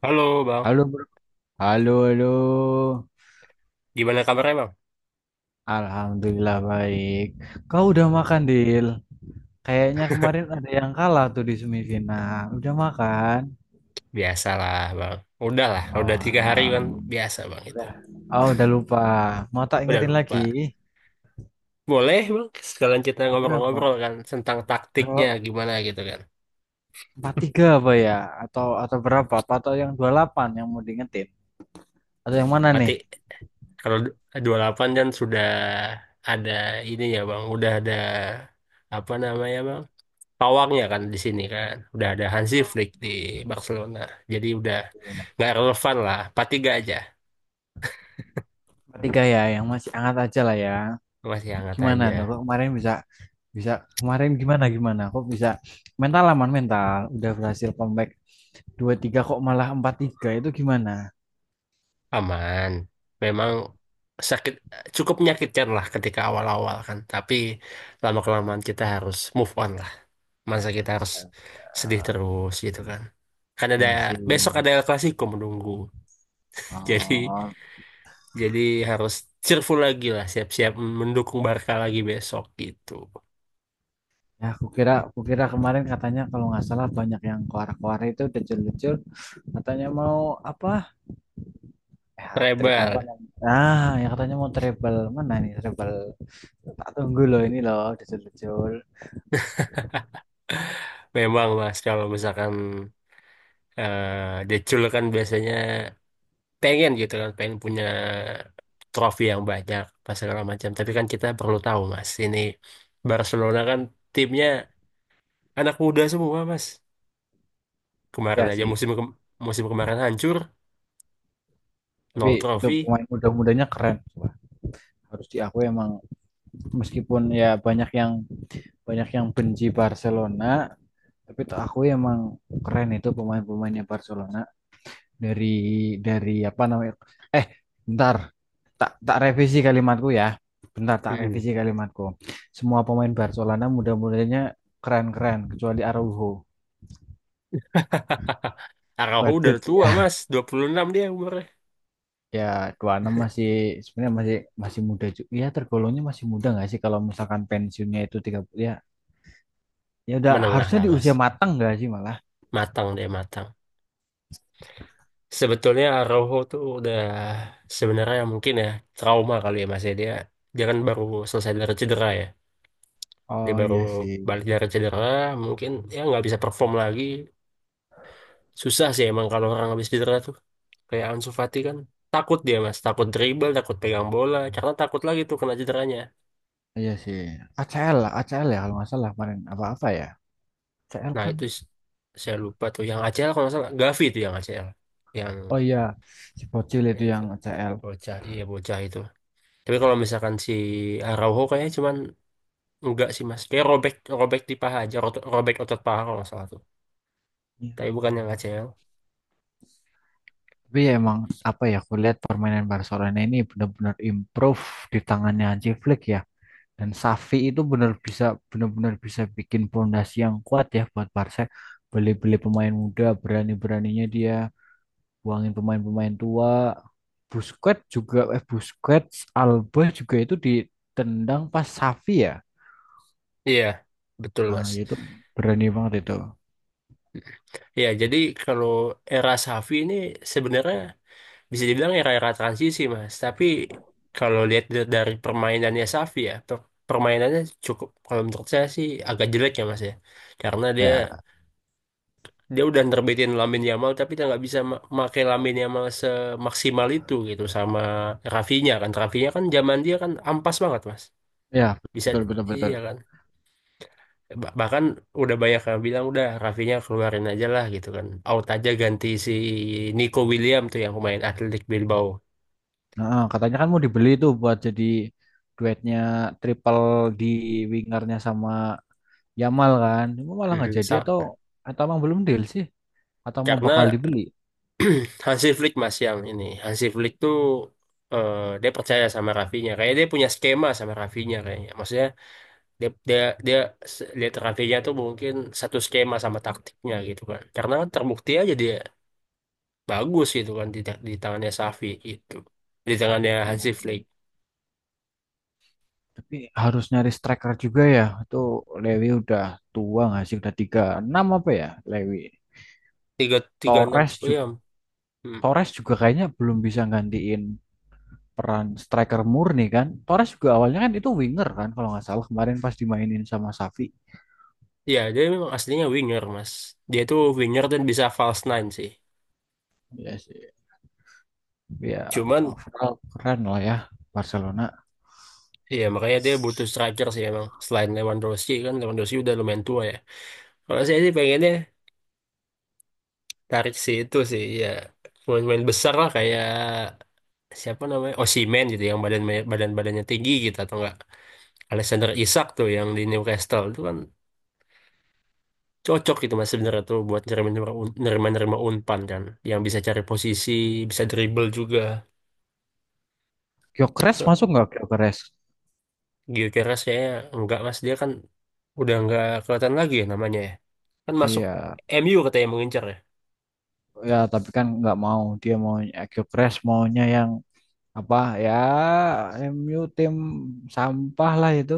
Halo Bang, Halo, bro. Halo, halo. gimana kabarnya Bang? Alhamdulillah baik. Kau udah Baik, makan, ya. Dil? Kayaknya kemarin ada yang kalah tuh di semifinal. Udah makan? Biasalah Bang, udah lah, udah Oh, 3 hari alah. kan biasa Bang itu, Udah. Oh, udah lupa. Mau tak udah ingetin lupa. lagi? Boleh Bang, sekalian kita Ah, berapa? ngobrol-ngobrol kan tentang taktiknya Berapa? gimana gitu kan. 4-3 apa ya? Atau berapa? Apa atau yang 28 yang mau diingetin? Atau yang mana Berarti nih? kalau 28 dan sudah ada ini ya Bang, udah ada apa namanya Bang? Pawangnya kan di sini kan, udah ada Hansi Oh, Flick di Barcelona, jadi udah iya. nggak relevan lah, 4-3 aja, 4-3 ya, yang masih hangat aja lah ya. masih hangat Gimana aja. tuh kok kemarin bisa bisa kemarin gimana gimana kok bisa mental aman, mental udah berhasil comeback 2-3 kok malah 4-3 itu gimana? Aman. Memang sakit cukup menyakitkan lah ketika awal-awal kan, tapi lama-kelamaan kita harus move on lah. Masa kita harus Masya sedih Allah. terus gitu kan. Kan ada Iya sih, besok ada El Clasico menunggu. Jadi oh jadi harus cheerful lagi lah, siap-siap mendukung Barca lagi besok gitu. ya, aku kira kemarin katanya kalau nggak salah banyak yang keluar-keluar itu decul-decul, katanya mau apa, eh, hat trick apa Rebel. namanya, ah ya, katanya mau treble, mana nih treble, tak tunggu loh, ini loh decul-decul. Memang Mas, kalau misalkan decul kan biasanya pengen gitu kan, pengen punya trofi yang banyak pas segala macam, tapi kan kita perlu tahu mas, ini Barcelona kan timnya anak muda semua mas. Kemarin Ya aja sih. Musim kemarin hancur, Tapi nol itu trofi pemain muda-mudanya keren. Wah, harus diakui emang, meskipun ya banyak yang benci Barcelona, tapi tuh aku emang keren itu pemain-pemainnya Barcelona. Dari dari apa namanya, eh bentar, tak tak revisi kalimatku ya, bentar tak Mm-mm. revisi kalimatku. Semua pemain Barcelona mudah-mudahnya keren-keren kecuali Araujo Araujo udah badut tua ya mas, 26 dia umurnya. ya 26 masih, sebenarnya masih, muda juga ya tergolongnya, masih muda nggak sih, kalau misalkan pensiunnya itu 30 ya, ya udah Menengah harusnya lah di mas, usia matang nggak sih malah. matang dia, matang sebetulnya. Araujo tuh udah sebenarnya mungkin ya trauma kali ya mas ya, dia dia kan baru selesai dari cedera ya, dia Oh baru iya sih, balik dari cedera, mungkin ya nggak bisa perform lagi. Susah sih emang kalau orang habis cedera tuh, kayak Ansu Fati kan, takut dia mas, takut dribble, takut pegang bola karena takut lagi tuh kena cederanya. iya sih. ACL, lah, ACL ya kalau nggak salah kemarin, apa-apa ya. ACL Nah kan? itu, saya lupa tuh yang ACL, kalau nggak salah Gavi tuh yang ACL, yang Oh iya, si Bocil itu itu yang ACL. bocah, iya bocah itu. Tapi kalau misalkan si Araujo kayaknya cuman enggak sih mas, kayak robek, robek di paha aja, robek otot paha kalau nggak salah tuh, Iya. tapi bukan yang ACL. Tapi ya emang, apa ya, aku lihat permainan Barcelona ini benar-benar improve di tangannya Hansi Flick ya. Dan Xavi itu benar bisa, benar-benar bisa bikin pondasi yang kuat ya buat Barca. Beli-beli pemain muda, berani-beraninya dia buangin pemain-pemain tua. Busquets juga, eh, Busquets, Alba juga itu ditendang pas Xavi ya. Iya, betul Nah, mas. itu berani banget itu. Ya, jadi kalau era Safi ini sebenarnya bisa dibilang era-era transisi, Mas. Tapi kalau lihat dari permainannya Safi ya, permainannya cukup, kalau menurut saya sih agak jelek ya, Mas ya. Karena dia Ya, dia udah nerbitin Lamine Yamal tapi dia nggak bisa make Lamine Yamal semaksimal itu gitu, sama Rafinya kan. Rafinya kan zaman dia kan ampas banget, Mas. ya, Bisa, betul betul betul. iya kan. Bahkan udah banyak yang bilang udah Rafinya keluarin aja lah gitu kan, out aja ganti si Nico William tuh, yang pemain Athletic Bilbao. Nah, katanya kan mau dibeli tuh buat jadi duetnya, triple, di wingernya sama Yamal kan. Cuma malah nggak Mm-mm, jadi atau emang belum deal sih? Atau mau bakal karena dibeli? Hansi Flick mas, yang ini Hansi Flick tuh eh, dia percaya sama Rafinya, kayak dia punya skema sama Rafinya kayaknya, maksudnya dia dia dia lihat Rafinya tuh mungkin satu skema sama taktiknya gitu kan, karena terbukti aja dia bagus gitu kan di tangannya Safi itu, di tangannya Iya. Hansi Flick. Tapi harus nyari striker juga ya. Itu Lewi udah tua nggak sih? Udah 36 apa ya Lewi? Tiga tiga enam Torres ya. juga. Hmm. Torres juga kayaknya belum bisa gantiin peran striker murni kan. Torres juga awalnya kan itu winger kan kalau nggak salah kemarin pas dimainin sama Xavi. Ya, dia memang aslinya winger, Mas. Dia tuh winger dan bisa false nine sih. Ya sih. Ya Cuman, overall keren lah ya Barcelona. ya makanya dia butuh striker sih emang. Selain Lewandowski kan, Lewandowski udah lumayan tua ya. Kalau saya sih pengennya tarik si itu sih, ya pemain-pemain besar lah kayak siapa namanya Osimhen gitu, yang badan badan badannya tinggi gitu, atau enggak Alexander Isak tuh yang di Newcastle itu kan, cocok gitu mas sebenarnya tuh buat nerima, nerima nerima unpan kan, yang bisa cari posisi, bisa dribble juga. Gyökeres masuk nggak, Gyökeres? Gio Keras kayaknya enggak mas, dia kan udah enggak kelihatan lagi ya namanya ya. Kan masuk Iya. MU katanya mengincar ya. Ya tapi kan nggak mau, dia mau, eh, Gyökeres maunya yang apa ya. MU tim sampah lah itu.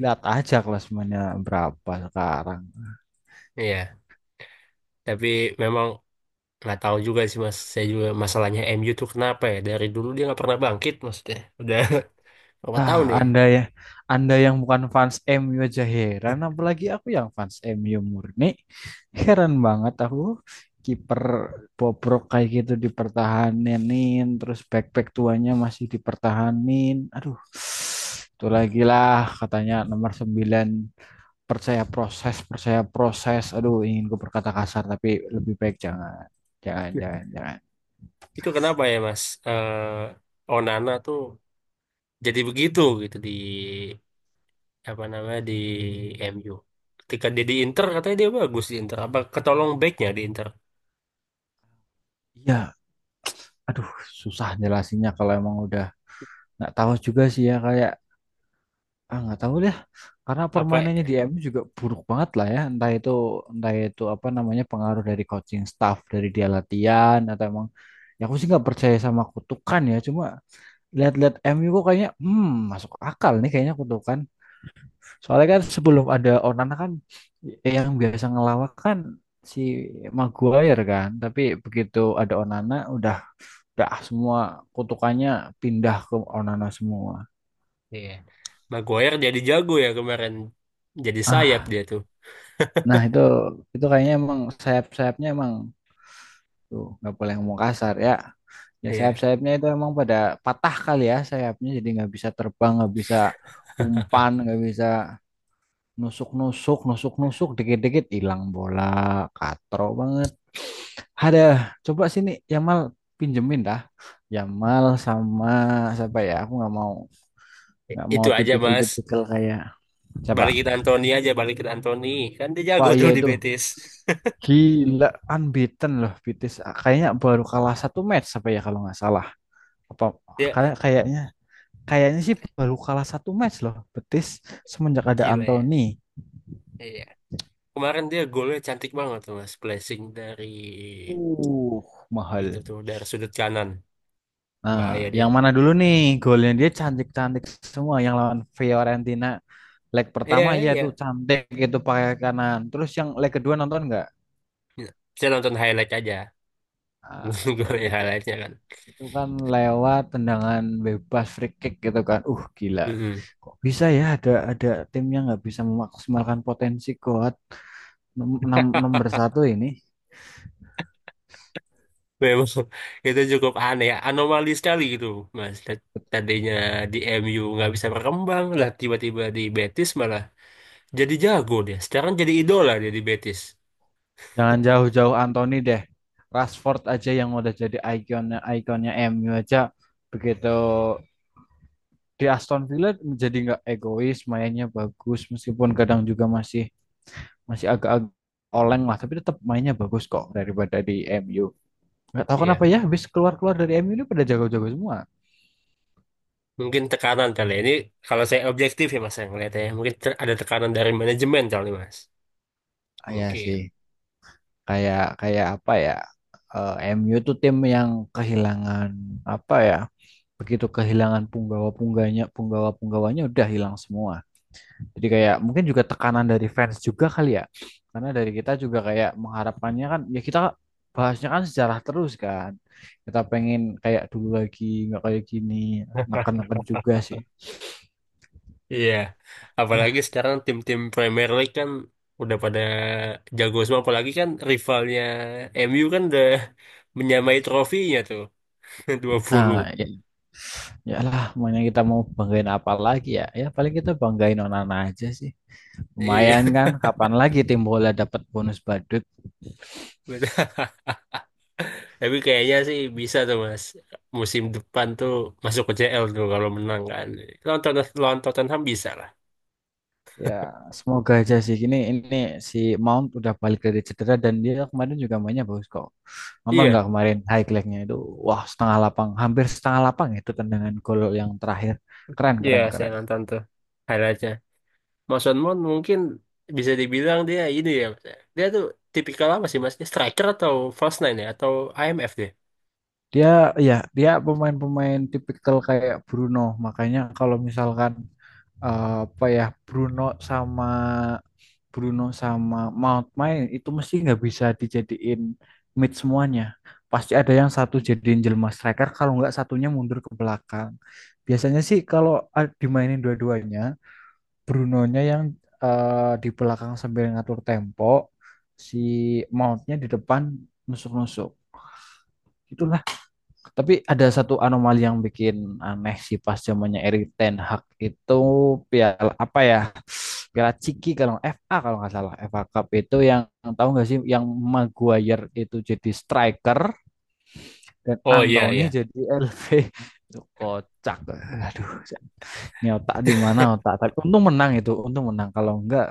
Lihat aja kelas mainnya berapa sekarang. Iya, tapi memang nggak tahu juga sih mas, saya juga masalahnya MU tuh kenapa ya, dari dulu dia nggak pernah bangkit, maksudnya udah berapa Ah, tahun nih. Anda ya, Anda yang bukan fans MU aja heran, apalagi aku yang fans MU murni. Heran banget aku kiper bobrok kayak gitu dipertahanin, terus back-back tuanya masih dipertahanin. Aduh, itu lagi lah katanya nomor 9, percaya proses, percaya proses. Aduh, ingin gue berkata kasar tapi lebih baik jangan. Jangan, jangan, jangan. Itu kenapa ya mas? Onana tuh jadi begitu gitu di apa namanya, di MU, ketika dia di Inter katanya dia bagus di Inter, apa ketolong backnya di Inter Iya, aduh, susah jelasinnya kalau emang udah, nggak tahu juga sih ya, kayak, ah, nggak tahu deh, karena apa. permainannya di MU juga buruk banget lah ya. Entah itu apa namanya, pengaruh dari coaching staff, dari dia latihan atau emang. Ya aku sih nggak percaya sama kutukan ya. Cuma lihat-lihat MU kok kayaknya, hmm, masuk akal nih kayaknya kutukan. Soalnya kan sebelum ada Onana kan, yang biasa ngelawak kan si Maguire kan. Tapi begitu ada Onana, udah, semua kutukannya pindah ke Onana semua. Iya. Maguire jadi jago ya kemarin. Jadi sayap dia tuh. Nah, itu kayaknya emang sayap-sayapnya emang tuh, nggak boleh ngomong kasar ya. Ya Iya. sayap-sayapnya itu emang pada patah kali ya sayapnya, jadi nggak bisa terbang, nggak bisa umpan, nggak bisa nusuk-nusuk, dikit-dikit hilang bola, katro banget. Ada, coba sini Yamal pinjemin dah. Yamal sama siapa ya? Aku nggak mau nggak mau Itu aja Mas. tipikal-tipikal kayak siapa? Balikin Anthony aja, balikin Anthony. Kan dia jago Wah, iya tuh di itu Betis. gila, unbeaten loh Betis. Ah, kayaknya baru kalah satu match apa ya kalau nggak salah. Apa, Dia kayak kayaknya, kayaknya sih baru kalah satu match loh Betis semenjak ada gila ya. Anthony. Iya. Kemarin dia golnya cantik banget tuh Mas. Placing dari Uh, itu mahal. tuh dari sudut kanan. Nah, Bahaya dia. yang mana dulu nih, golnya dia cantik-cantik semua yang lawan Fiorentina leg Iya, pertama ya, itu iya. cantik itu pakai kanan. Terus yang leg kedua nonton nggak? Saya nonton highlight aja. Ah, Golnya ya. highlightnya kan. Itu kan lewat tendangan bebas, free kick gitu kan. Gila. Mm-mm. Kok bisa ya, ada tim yang nggak bisa memaksimalkan potensi kuat, nomor satu ini. Memang itu cukup aneh, anomali sekali gitu, Mas. Tadinya di MU nggak bisa berkembang, lah tiba-tiba di Betis malah jadi jago dia. Sekarang jadi idola dia di Betis. Jangan jauh-jauh Anthony deh. Rashford aja yang udah jadi ikonnya ikonnya MU aja begitu di Aston Villa menjadi nggak egois, mainnya bagus meskipun kadang juga masih, masih agak-agak oleng lah, tapi tetap mainnya bagus kok daripada di MU. Nggak tahu kenapa Iya, ya, habis keluar-keluar dari MU ini pada jago-jago semua. mungkin tekanan kali ya. Ini kalau saya objektif ya Mas yang ngeliatnya, ya. Mungkin ada tekanan dari manajemen kali Mas. Iya sih, Mungkin. kayak kayak apa ya? eh, MU tuh tim yang kehilangan, apa ya? Begitu kehilangan punggawa-pungganya, punggawa-punggawanya udah hilang semua. Jadi kayak mungkin juga tekanan dari fans juga kali ya. Karena dari kita juga kayak mengharapkannya kan ya, kita bahasnya kan sejarah terus kan. Kita pengen kayak dulu lagi, nggak kayak gini, neken-neken juga sih. Iya, apalagi sekarang tim-tim Premier League kan udah pada jago semua, apalagi kan rivalnya MU kan udah menyamai trofinya tuh 20. Nah, ya, ya lah, makanya kita mau banggain apa lagi ya? Ya paling kita banggain Onana aja sih. Iya. Lumayan kan, kapan lagi tim bola dapat bonus badut? Benar. Tapi kayaknya sih bisa tuh mas. Musim depan tuh masuk ke CL tuh kalau menang kan. Lawan lawan Tottenham bisa lah. Ya, semoga aja sih. Ini si Mount udah balik dari cedera dan dia kemarin juga mainnya bagus kok. Nonton Iya, nggak kemarin highlightnya itu? Wah, setengah lapang, hampir setengah lapang itu tendangan gol yang terakhir. Keren, iya, keren, saya keren. nonton tuh highlightnya. Mason Mount mungkin bisa dibilang dia ini ya mas. Ya. Dia tuh tipikal apa sih mas? Dia striker atau false nine ya? Atau IMF dia? Dia ya, dia pemain-pemain tipikal kayak Bruno. Makanya kalau misalkan, eh, apa ya, sama Bruno sama Mount main itu mesti nggak bisa dijadiin mid semuanya. Pasti ada yang satu jadiin jelma striker kalau nggak satunya mundur ke belakang. Biasanya sih kalau dimainin dua-duanya, Brunonya yang, eh, di belakang sambil ngatur tempo, si Mountnya di depan nusuk-nusuk. Itu, tapi ada satu anomali yang bikin aneh sih pas zamannya Erik Ten Hag itu, piala apa ya? Piala Ciki kalau FA, kalau nggak salah FA Cup itu, yang tahu nggak sih, yang Maguire itu jadi striker dan Oh, iya Anthony iya. jadi LV itu kocak. Aduh, ini otak di mana otak? Tapi untung menang itu, untung menang. Kalau enggak,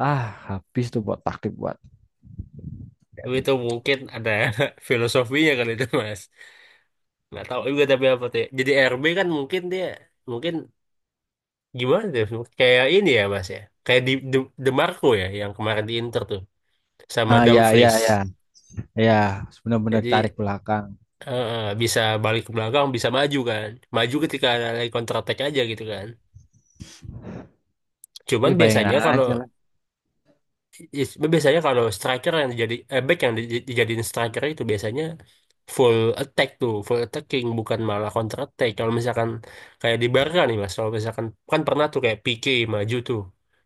ah, habis tuh buat taktik buat. Tapi itu mungkin ada filosofinya kali itu mas. Nggak tahu juga tapi apa tuh. Ya. Jadi RB kan mungkin dia, mungkin gimana deh? Kayak ini ya Mas ya. Kayak di DeMarco ya yang kemarin di Inter tuh sama Ah, ya, ya, Dumfries. ya, ya, benar-benar Jadi tarik belakang. Bisa balik ke belakang, bisa maju kan. Maju ketika ada lagi counter attack aja gitu kan. Tapi Cuman bayangin biasanya kalau, aja lah. Yes, biasanya kalau striker yang jadi back yang dijadiin striker itu biasanya full attack tuh, full attacking bukan malah counter attack. Kalau misalkan kayak di Barca nih Mas, kalau misalkan kan pernah tuh kayak Pique maju tuh.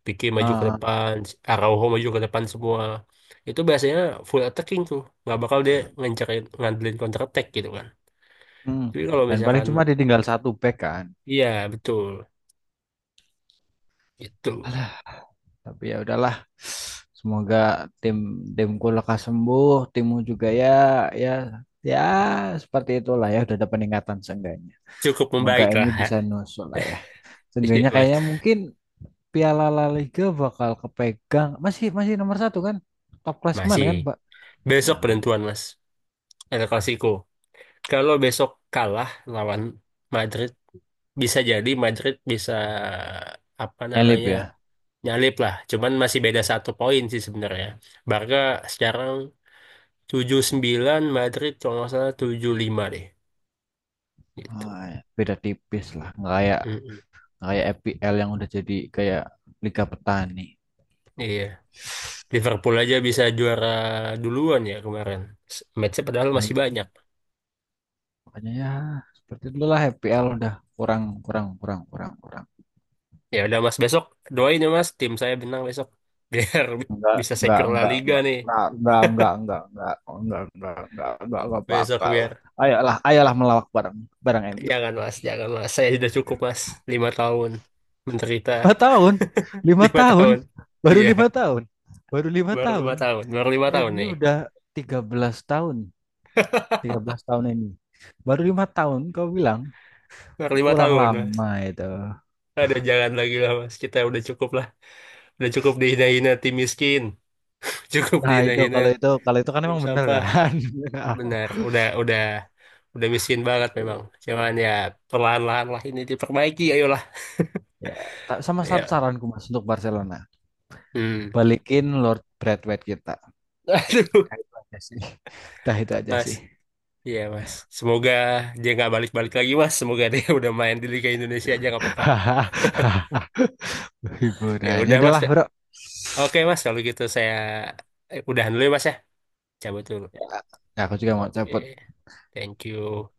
Pique maju ke Ah, ah. depan, Araujo maju ke depan semua. Itu biasanya full attacking tuh, nggak bakal dia ngancarin ngandelin counter attack gitu kan. Hmm. Jadi kalau Dan paling misalkan cuma ditinggal satu back kan. iya, betul, itu Alah, tapi ya udahlah. Semoga tim timku lekas sembuh, timmu juga ya, ya, ya, seperti itulah, ya udah ada peningkatan seenggaknya. cukup Semoga membaik MU lah. bisa nusuk lah ya. Iya Seenggaknya Mas, kayaknya mungkin Piala La Liga bakal kepegang, masih masih nomor satu kan, top klasmen masih kan Pak. besok Nah, penentuan Mas. El Clasico. Kalau besok kalah lawan Madrid, bisa jadi Madrid bisa apa nyelip namanya ya. nyalip lah. Cuman masih beda 1 poin sih sebenarnya. Barca sekarang 79, Madrid kalau nggak salah 75 deh. Gitu. Ah, ya. Beda tipis lah, nggak kayak Mm-mm. nggak kayak EPL yang udah jadi kayak Liga Petani. Iya. Liverpool aja bisa juara duluan ya kemarin. Matchnya padahal Nah, masih ya. banyak. Makanya ya seperti dulu lah FPL udah kurang, kurang, kurang, kurang, kurang. Ya udah Mas, besok doain ya Mas tim saya menang besok biar Enggak bisa enggak secure La enggak Liga enggak nih enggak enggak enggak enggak enggak enggak enggak enggak enggak enggak besok bakal. biar. Ayolah, ayolah, melawak bareng, bareng MU. Jangan mas, jangan mas. Saya sudah cukup mas. 5 tahun menderita. Lima tahun, lima Lima tahun tahun. baru Iya, 5 tahun, baru lima baru lima tahun. tahun. Baru 5 tahun MU nih. udah 13 tahun, 13 tahun ini, baru 5 tahun kau bilang, Baru lima kurang tahun mas. lama itu. Ada jangan lagi lah mas. Kita udah cukup lah. Udah cukup dihina-hina tim miskin. Cukup Nah itu, dihina-hina kalau itu, kalau itu kan tim emang bener sampah. kan. Benar. Udah miskin banget memang. Cuman ya perlahan-lahan lah ini diperbaiki. Ayolah. Ya, ta- sama, satu Ya. saranku Mas untuk Barcelona. Hmm. Balikin Lord Braithwaite kita. Aduh, Nah, itu aja sih. Dah, itu aja mas. sih. Iya mas, semoga dia nggak balik-balik lagi mas. Semoga dia udah main di Liga Indonesia aja nggak apa-apa. Ya Hiburannya udah mas. adalah, Bro. Oke mas, kalau gitu saya udahan dulu ya mas ya. Cabut dulu. Ya, aku juga mau cabut. Oke, thank you.